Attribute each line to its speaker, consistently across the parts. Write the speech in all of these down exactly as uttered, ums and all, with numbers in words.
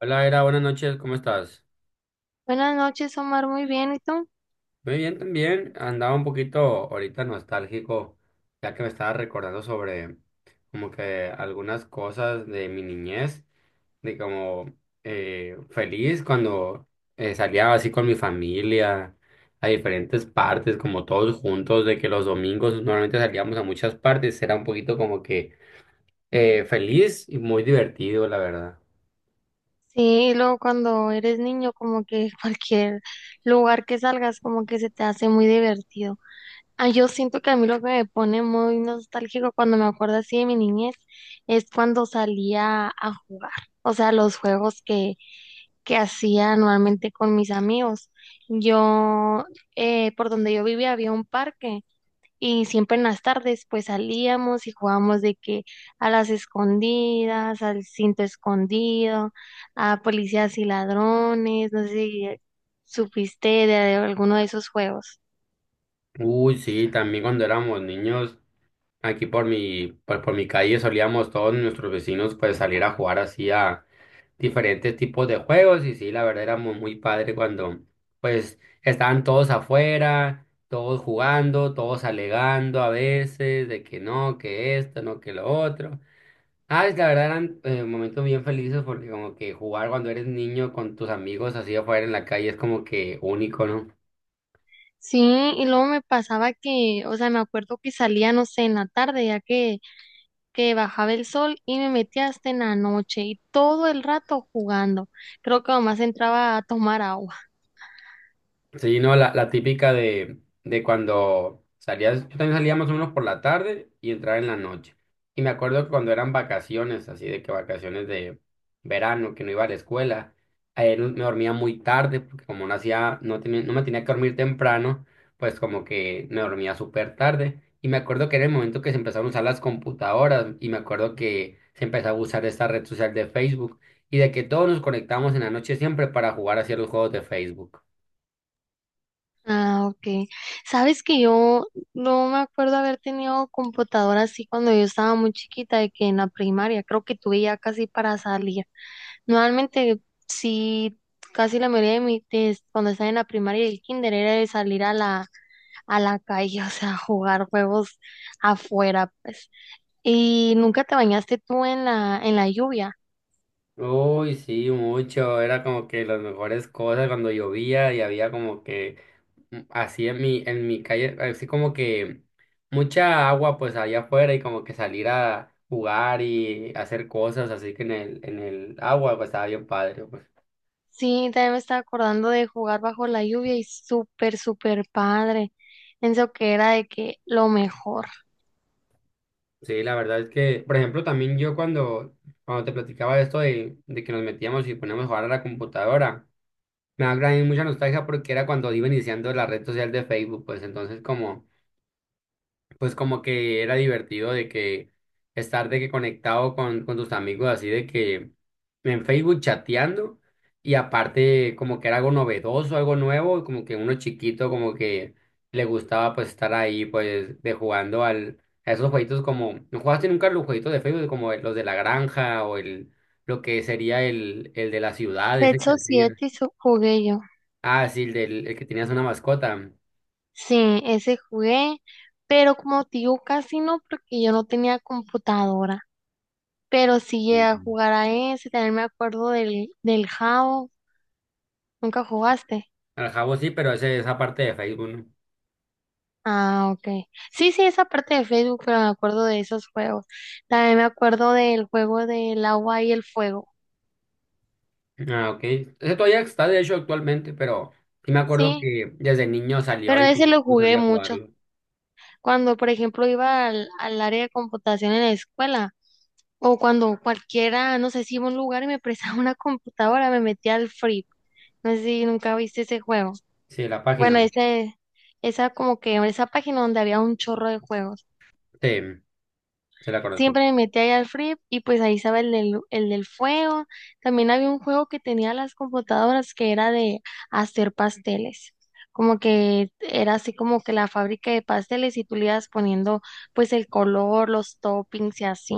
Speaker 1: Hola, Era, buenas noches, ¿cómo estás?
Speaker 2: Buenas noches, Omar, muy bien, ¿y tú?
Speaker 1: Muy bien también, andaba un poquito ahorita nostálgico, ya que me estaba recordando sobre como que algunas cosas de mi niñez, de como eh, feliz cuando eh, salía así con mi familia a diferentes partes, como todos juntos, de que los domingos normalmente salíamos a muchas partes, era un poquito como que eh, feliz y muy divertido, la verdad.
Speaker 2: Sí, y luego cuando eres niño, como que cualquier lugar que salgas, como que se te hace muy divertido. Ah, yo siento que a mí lo que me pone muy nostálgico cuando me acuerdo así de mi niñez es cuando salía a jugar, o sea, los juegos que, que hacía anualmente con mis amigos. Yo, eh, por donde yo vivía había un parque. Y siempre en las tardes pues salíamos y jugábamos de que a las escondidas, al cinto escondido, a policías y ladrones, no sé si supiste de alguno de esos juegos.
Speaker 1: Uy, sí, también cuando éramos niños. Aquí por mi, por, por mi calle solíamos todos nuestros vecinos pues salir a jugar así a diferentes tipos de juegos y sí, la verdad era muy, muy padre cuando pues estaban todos afuera, todos jugando, todos alegando a veces de que no, que esto, no, que lo otro. Ah, es- la verdad eran eh, momentos bien felices porque como que jugar cuando eres niño con tus amigos así afuera en la calle es como que único, ¿no?
Speaker 2: Sí, y luego me pasaba que, o sea, me acuerdo que salía, no sé, en la tarde, ya que, que bajaba el sol y me metía hasta en la noche y todo el rato jugando. Creo que nomás entraba a tomar agua.
Speaker 1: Sí, no, la, la típica de, de cuando salías, yo también salía más o menos por la tarde y entraba en la noche. Y me acuerdo que cuando eran vacaciones, así de que vacaciones de verano, que no iba a la escuela, eh, no- me dormía muy tarde, porque como no hacía, no tenía, no me tenía que dormir temprano, pues como que me dormía súper tarde. Y me acuerdo que era el momento que se empezaron a usar las computadoras, y me acuerdo que se empezaba a usar esta red social de Facebook, y de que todos nos conectábamos en la noche siempre para jugar hacia los juegos de Facebook.
Speaker 2: Ah, ok. Sabes que yo no me acuerdo haber tenido computadora así cuando yo estaba muy chiquita, de que en la primaria, creo que tuve ya casi para salir. Normalmente, sí, casi la mayoría de mi, de- cuando estaba en la primaria y el kinder era de salir a la, a la calle, o sea, jugar juegos afuera, pues. ¿Y nunca te bañaste tú en la, en la lluvia?
Speaker 1: Uy, sí, mucho. Era como que las mejores cosas cuando llovía y había como que mm, así en mi, en mi calle, así como que mucha agua pues allá afuera y como que salir a jugar y hacer cosas así que en el, en el agua pues estaba bien padre, pues.
Speaker 2: Sí, también me estaba acordando de jugar bajo la lluvia y súper, súper padre. Pienso que era de que lo mejor.
Speaker 1: Sí, la verdad es que, por ejemplo, también yo cuando, cuando te platicaba de esto de, de que nos metíamos y poníamos a jugar a la computadora, me da gran- mucha nostalgia porque era cuando iba iniciando la red social de Facebook, pues entonces como pues como que era divertido de que estar de que conectado con, con tus amigos así de que en Facebook chateando y aparte como que era algo novedoso, algo nuevo, como que uno chiquito como que le gustaba pues estar ahí pues de jugando al a esos jueguitos como no jugaste nunca los jueguitos de Facebook como los de la granja o el lo que sería el el de la ciudad ese que
Speaker 2: Techo
Speaker 1: hacía.
Speaker 2: siete y su- jugué yo.
Speaker 1: Ah, sí, el del el que tenías una mascota.
Speaker 2: Sí, ese jugué, pero como te digo, casi no, porque yo no tenía computadora. Pero sí llegué
Speaker 1: Ujú.
Speaker 2: a jugar a ese, también me acuerdo del, del Jabo. ¿Nunca jugaste?
Speaker 1: Al jabo sí, pero ese esa parte de Facebook, ¿no?
Speaker 2: Ah, ok. Sí, sí, esa parte de Facebook, pero me acuerdo de esos juegos. También me acuerdo del juego del agua y el fuego.
Speaker 1: Ah, ok. Ese todavía está, de hecho, actualmente, pero sí me acuerdo
Speaker 2: Sí,
Speaker 1: que desde niño salió
Speaker 2: pero
Speaker 1: y
Speaker 2: ese
Speaker 1: no
Speaker 2: lo
Speaker 1: no
Speaker 2: jugué
Speaker 1: solía
Speaker 2: mucho.
Speaker 1: jugarlo.
Speaker 2: Cuando, por ejemplo, iba al, al área de computación en la escuela, o cuando cualquiera, no sé si iba a un lugar y me prestaba una computadora, me metía al Free. No sé si nunca viste ese juego.
Speaker 1: Sí, la página.
Speaker 2: Bueno, ese, esa como que, esa página donde había un chorro de juegos.
Speaker 1: Sí, se la conozco.
Speaker 2: Siempre me metí ahí al Free y pues ahí estaba el del, el del fuego. También había un juego que tenía las computadoras que era de hacer pasteles. Como que era así como que la fábrica de pasteles y tú le ibas poniendo pues el color, los toppings y así.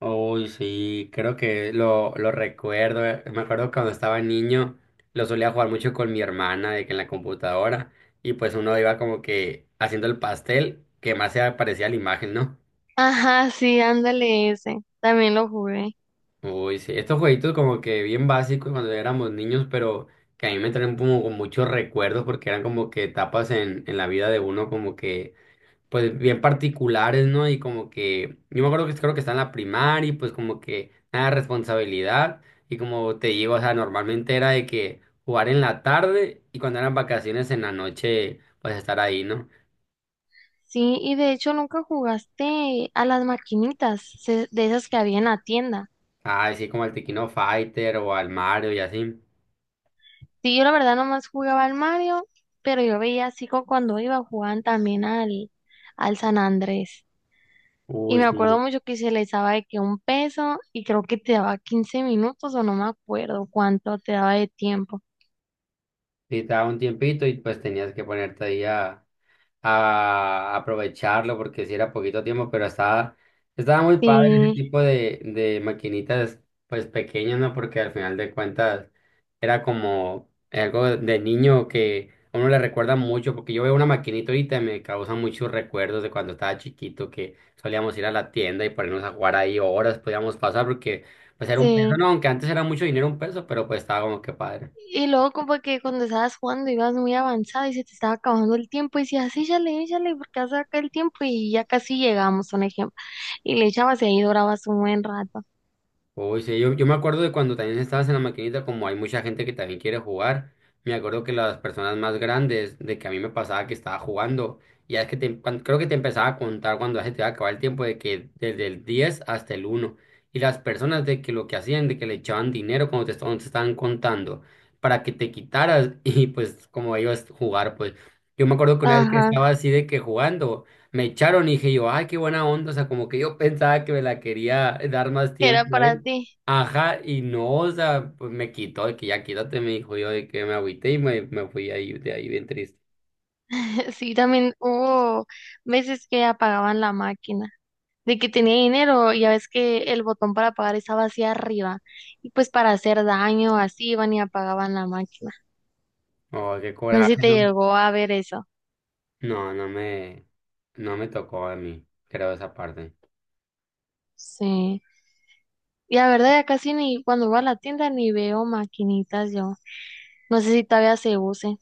Speaker 1: Uy, sí, creo que lo, lo recuerdo. Eh. Me acuerdo cuando estaba niño, lo solía jugar mucho con mi hermana, de que en la computadora, y pues uno iba como que haciendo el pastel que más se parecía a la imagen, ¿no?
Speaker 2: Ajá, sí, ándale ese. También lo jugué.
Speaker 1: Uy, sí, estos jueguitos como que bien básicos cuando éramos niños, pero que a mí me traen como con muchos recuerdos porque eran como que etapas en, en la vida de uno como que, pues bien particulares, ¿no? Y como que, yo me acuerdo que creo que está en la primaria y pues como que nada de responsabilidad y como te digo, o sea, normalmente era de que jugar en la tarde y cuando eran vacaciones en la noche, pues estar ahí, ¿no?
Speaker 2: Sí, y de hecho nunca jugaste a las maquinitas se- de esas que había en la tienda.
Speaker 1: Ah, sí, como al Tequino Fighter o al Mario y así.
Speaker 2: Sí, yo la verdad nomás jugaba al Mario, pero yo veía así como cuando iba jugaban también al, al San Andrés. Y
Speaker 1: Uy,
Speaker 2: me acuerdo
Speaker 1: sí.
Speaker 2: mucho que se les daba de que un peso y creo que te daba quince minutos o no me acuerdo cuánto te daba de tiempo.
Speaker 1: Sí, te daba un tiempito y pues tenías que ponerte ahí a, a aprovecharlo porque si era poquito tiempo, pero estaba, estaba muy padre ese
Speaker 2: Sí,
Speaker 1: tipo de, de maquinitas pues pequeñas, ¿no? Porque al final de cuentas era como algo de niño que a uno le recuerda mucho, porque yo veo una maquinita ahorita y me causa muchos recuerdos de cuando estaba chiquito que solíamos ir a la tienda y ponernos a jugar ahí horas, podíamos pasar porque pues era un peso,
Speaker 2: sí.
Speaker 1: no, aunque antes era mucho dinero un peso, pero pues estaba como que padre.
Speaker 2: Y luego como que cuando estabas jugando ibas muy avanzada y se te estaba acabando el tiempo y decías, "Ah, sí, échale, échale, porque hace acá el tiempo y ya casi llegamos", un ejemplo. Y le echabas y ahí durabas un buen rato.
Speaker 1: Uy, sí, yo, yo me acuerdo de cuando también estabas en la maquinita, como hay mucha gente que también quiere jugar, me acuerdo que las personas más grandes, de que a mí me pasaba que estaba jugando, y es que te, cuan- creo que te empezaba a contar cuando ya se te iba a acabar el tiempo de que desde el diez hasta el uno y las personas de que lo que hacían, de que le echaban dinero cuando te, est- cuando te estaban contando, para que te quitaras y pues como ellos jugar, pues yo me acuerdo que una vez que
Speaker 2: Ajá,
Speaker 1: estaba así de que jugando. Me echaron y dije yo, ay, qué buena onda, o sea, como que yo pensaba que me la quería dar más
Speaker 2: que era
Speaker 1: tiempo
Speaker 2: para
Speaker 1: él.
Speaker 2: ti.
Speaker 1: Ajá, y no, o sea, pues me quitó, de que ya quítate, me dijo yo, de que me agüité y me, me fui ahí, de ahí bien triste.
Speaker 2: Sí, también hubo veces que apagaban la máquina, de que tenía dinero, ya ves que el botón para pagar estaba hacia arriba, y pues para hacer daño, así iban y apagaban la máquina.
Speaker 1: Oh, qué
Speaker 2: No sé si
Speaker 1: coraje,
Speaker 2: te
Speaker 1: ¿no?
Speaker 2: llegó a ver eso.
Speaker 1: No, no me, no me tocó a mí, creo esa parte.
Speaker 2: Sí. Y la verdad, ya casi ni cuando voy a la tienda ni veo maquinitas yo. No sé si todavía se use.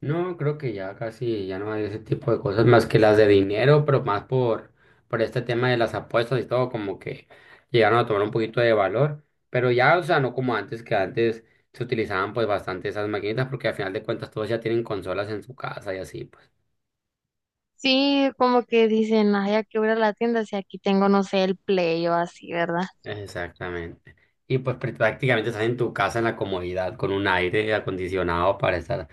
Speaker 1: No, creo que ya casi, ya no hay ese tipo de cosas más que las de dinero, pero más por, por este tema de las apuestas y todo, como que llegaron a tomar un poquito de valor, pero ya, o sea, no como antes, que antes se utilizaban pues bastante esas maquinitas, porque al final de cuentas todos ya tienen consolas en su casa y así, pues.
Speaker 2: Sí, como que dicen, ay, ya que voy a ir a la tienda si aquí tengo, no sé, el Play o así, ¿verdad?
Speaker 1: Exactamente. Y pues pr- prácticamente estás en tu casa en la comodidad con un aire acondicionado para estar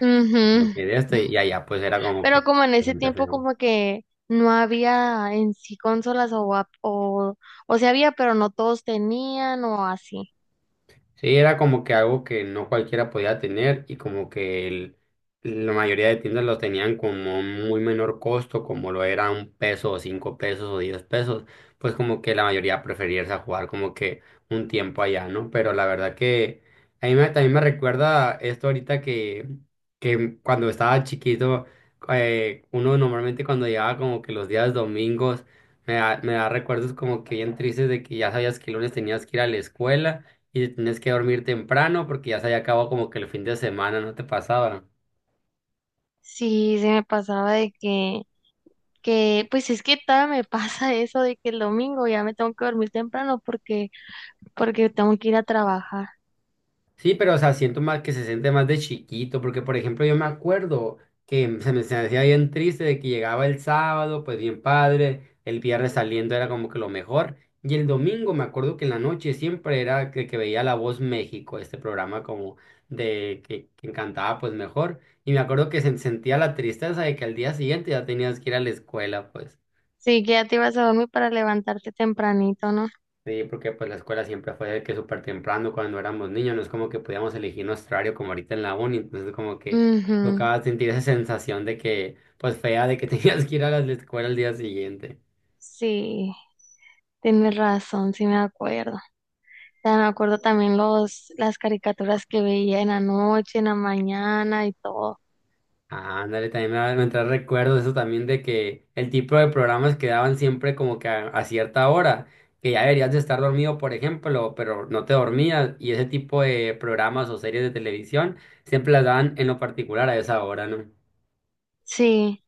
Speaker 1: como
Speaker 2: Ujú.
Speaker 1: que de este y allá pues era como
Speaker 2: Pero
Speaker 1: que
Speaker 2: como en ese
Speaker 1: bastante
Speaker 2: tiempo
Speaker 1: feo.
Speaker 2: como que no había en sí consolas o, ap- o, o sí había, pero no todos tenían o así.
Speaker 1: Sí, era como que algo que no cualquiera podía tener y como que el- la mayoría de tiendas lo tenían como muy menor costo, como lo era un peso o cinco pesos o diez pesos, pues como que la mayoría prefería irse a jugar como que un tiempo allá, ¿no? Pero la verdad que a mí me- también me recuerda esto ahorita que, que cuando estaba chiquito, eh, uno normalmente cuando llegaba como que los días domingos, me da, me da recuerdos como que bien tristes de que ya sabías que el lunes tenías que ir a la escuela y tienes que dormir temprano porque ya se había acabado como que el fin de semana, no te pasaba.
Speaker 2: Sí, se me pasaba de que, que, pues es que todavía me pasa eso de que el domingo ya me tengo que dormir temprano porque, porque tengo que ir a trabajar.
Speaker 1: Sí, pero o sea, siento más que se siente más de chiquito, porque por ejemplo yo me acuerdo que se me, se me hacía bien triste de que llegaba el sábado, pues bien padre, el viernes saliendo era como que lo mejor, y el domingo me acuerdo que en la noche siempre era que, que veía La Voz México, este programa como de que, que encantaba pues mejor, y me acuerdo que se sentía la tristeza de que al día siguiente ya tenías que ir a la escuela, pues.
Speaker 2: Sí, que ya te ibas a dormir para levantarte tempranito, ¿no?
Speaker 1: Sí, porque pues la escuela siempre fue de que súper temprano cuando éramos niños, no es como que podíamos elegir nuestro horario como ahorita en la uni, entonces como que
Speaker 2: Mhm.
Speaker 1: tocaba sentir esa sensación de que, pues fea, de que tenías que ir a la escuela al día siguiente.
Speaker 2: Sí, tienes razón, sí me acuerdo. O sea, me acuerdo también los, las caricaturas que veía en la noche, en la mañana y todo.
Speaker 1: Ah, ándale, también me, va- me trae recuerdos eso también de que el tipo de programas que daban siempre como que a, a cierta hora, que ya deberías de estar dormido, por ejemplo, pero no te dormías, y ese tipo de programas o series de televisión siempre las daban en lo particular a esa hora, ¿no?
Speaker 2: Sí,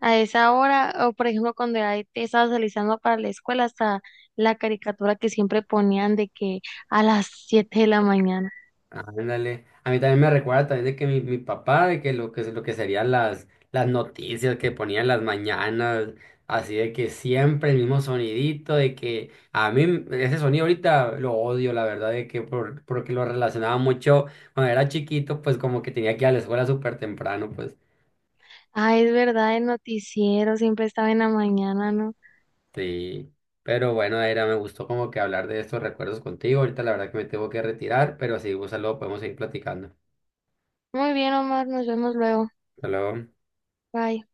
Speaker 2: a esa hora, o por ejemplo, cuando ya te estabas realizando para la escuela, hasta la caricatura que siempre ponían de que a las siete de la mañana.
Speaker 1: Ándale. A mí también me recuerda también de que mi, mi papá, de que lo que lo que serían las, las noticias que ponían las mañanas, así de que siempre el mismo sonidito, de que a mí ese sonido ahorita lo odio, la verdad, de que por, porque lo relacionaba mucho cuando era chiquito, pues como que tenía que ir a la escuela súper temprano, pues
Speaker 2: Ah, es verdad, el noticiero siempre estaba en la mañana, ¿no?
Speaker 1: sí. Pero bueno, era, me gustó como que hablar de estos recuerdos contigo. Ahorita la verdad que me tengo que retirar, pero sí, un luego podemos seguir platicando.
Speaker 2: Muy bien, Omar, nos vemos luego.
Speaker 1: Hasta luego.
Speaker 2: Bye.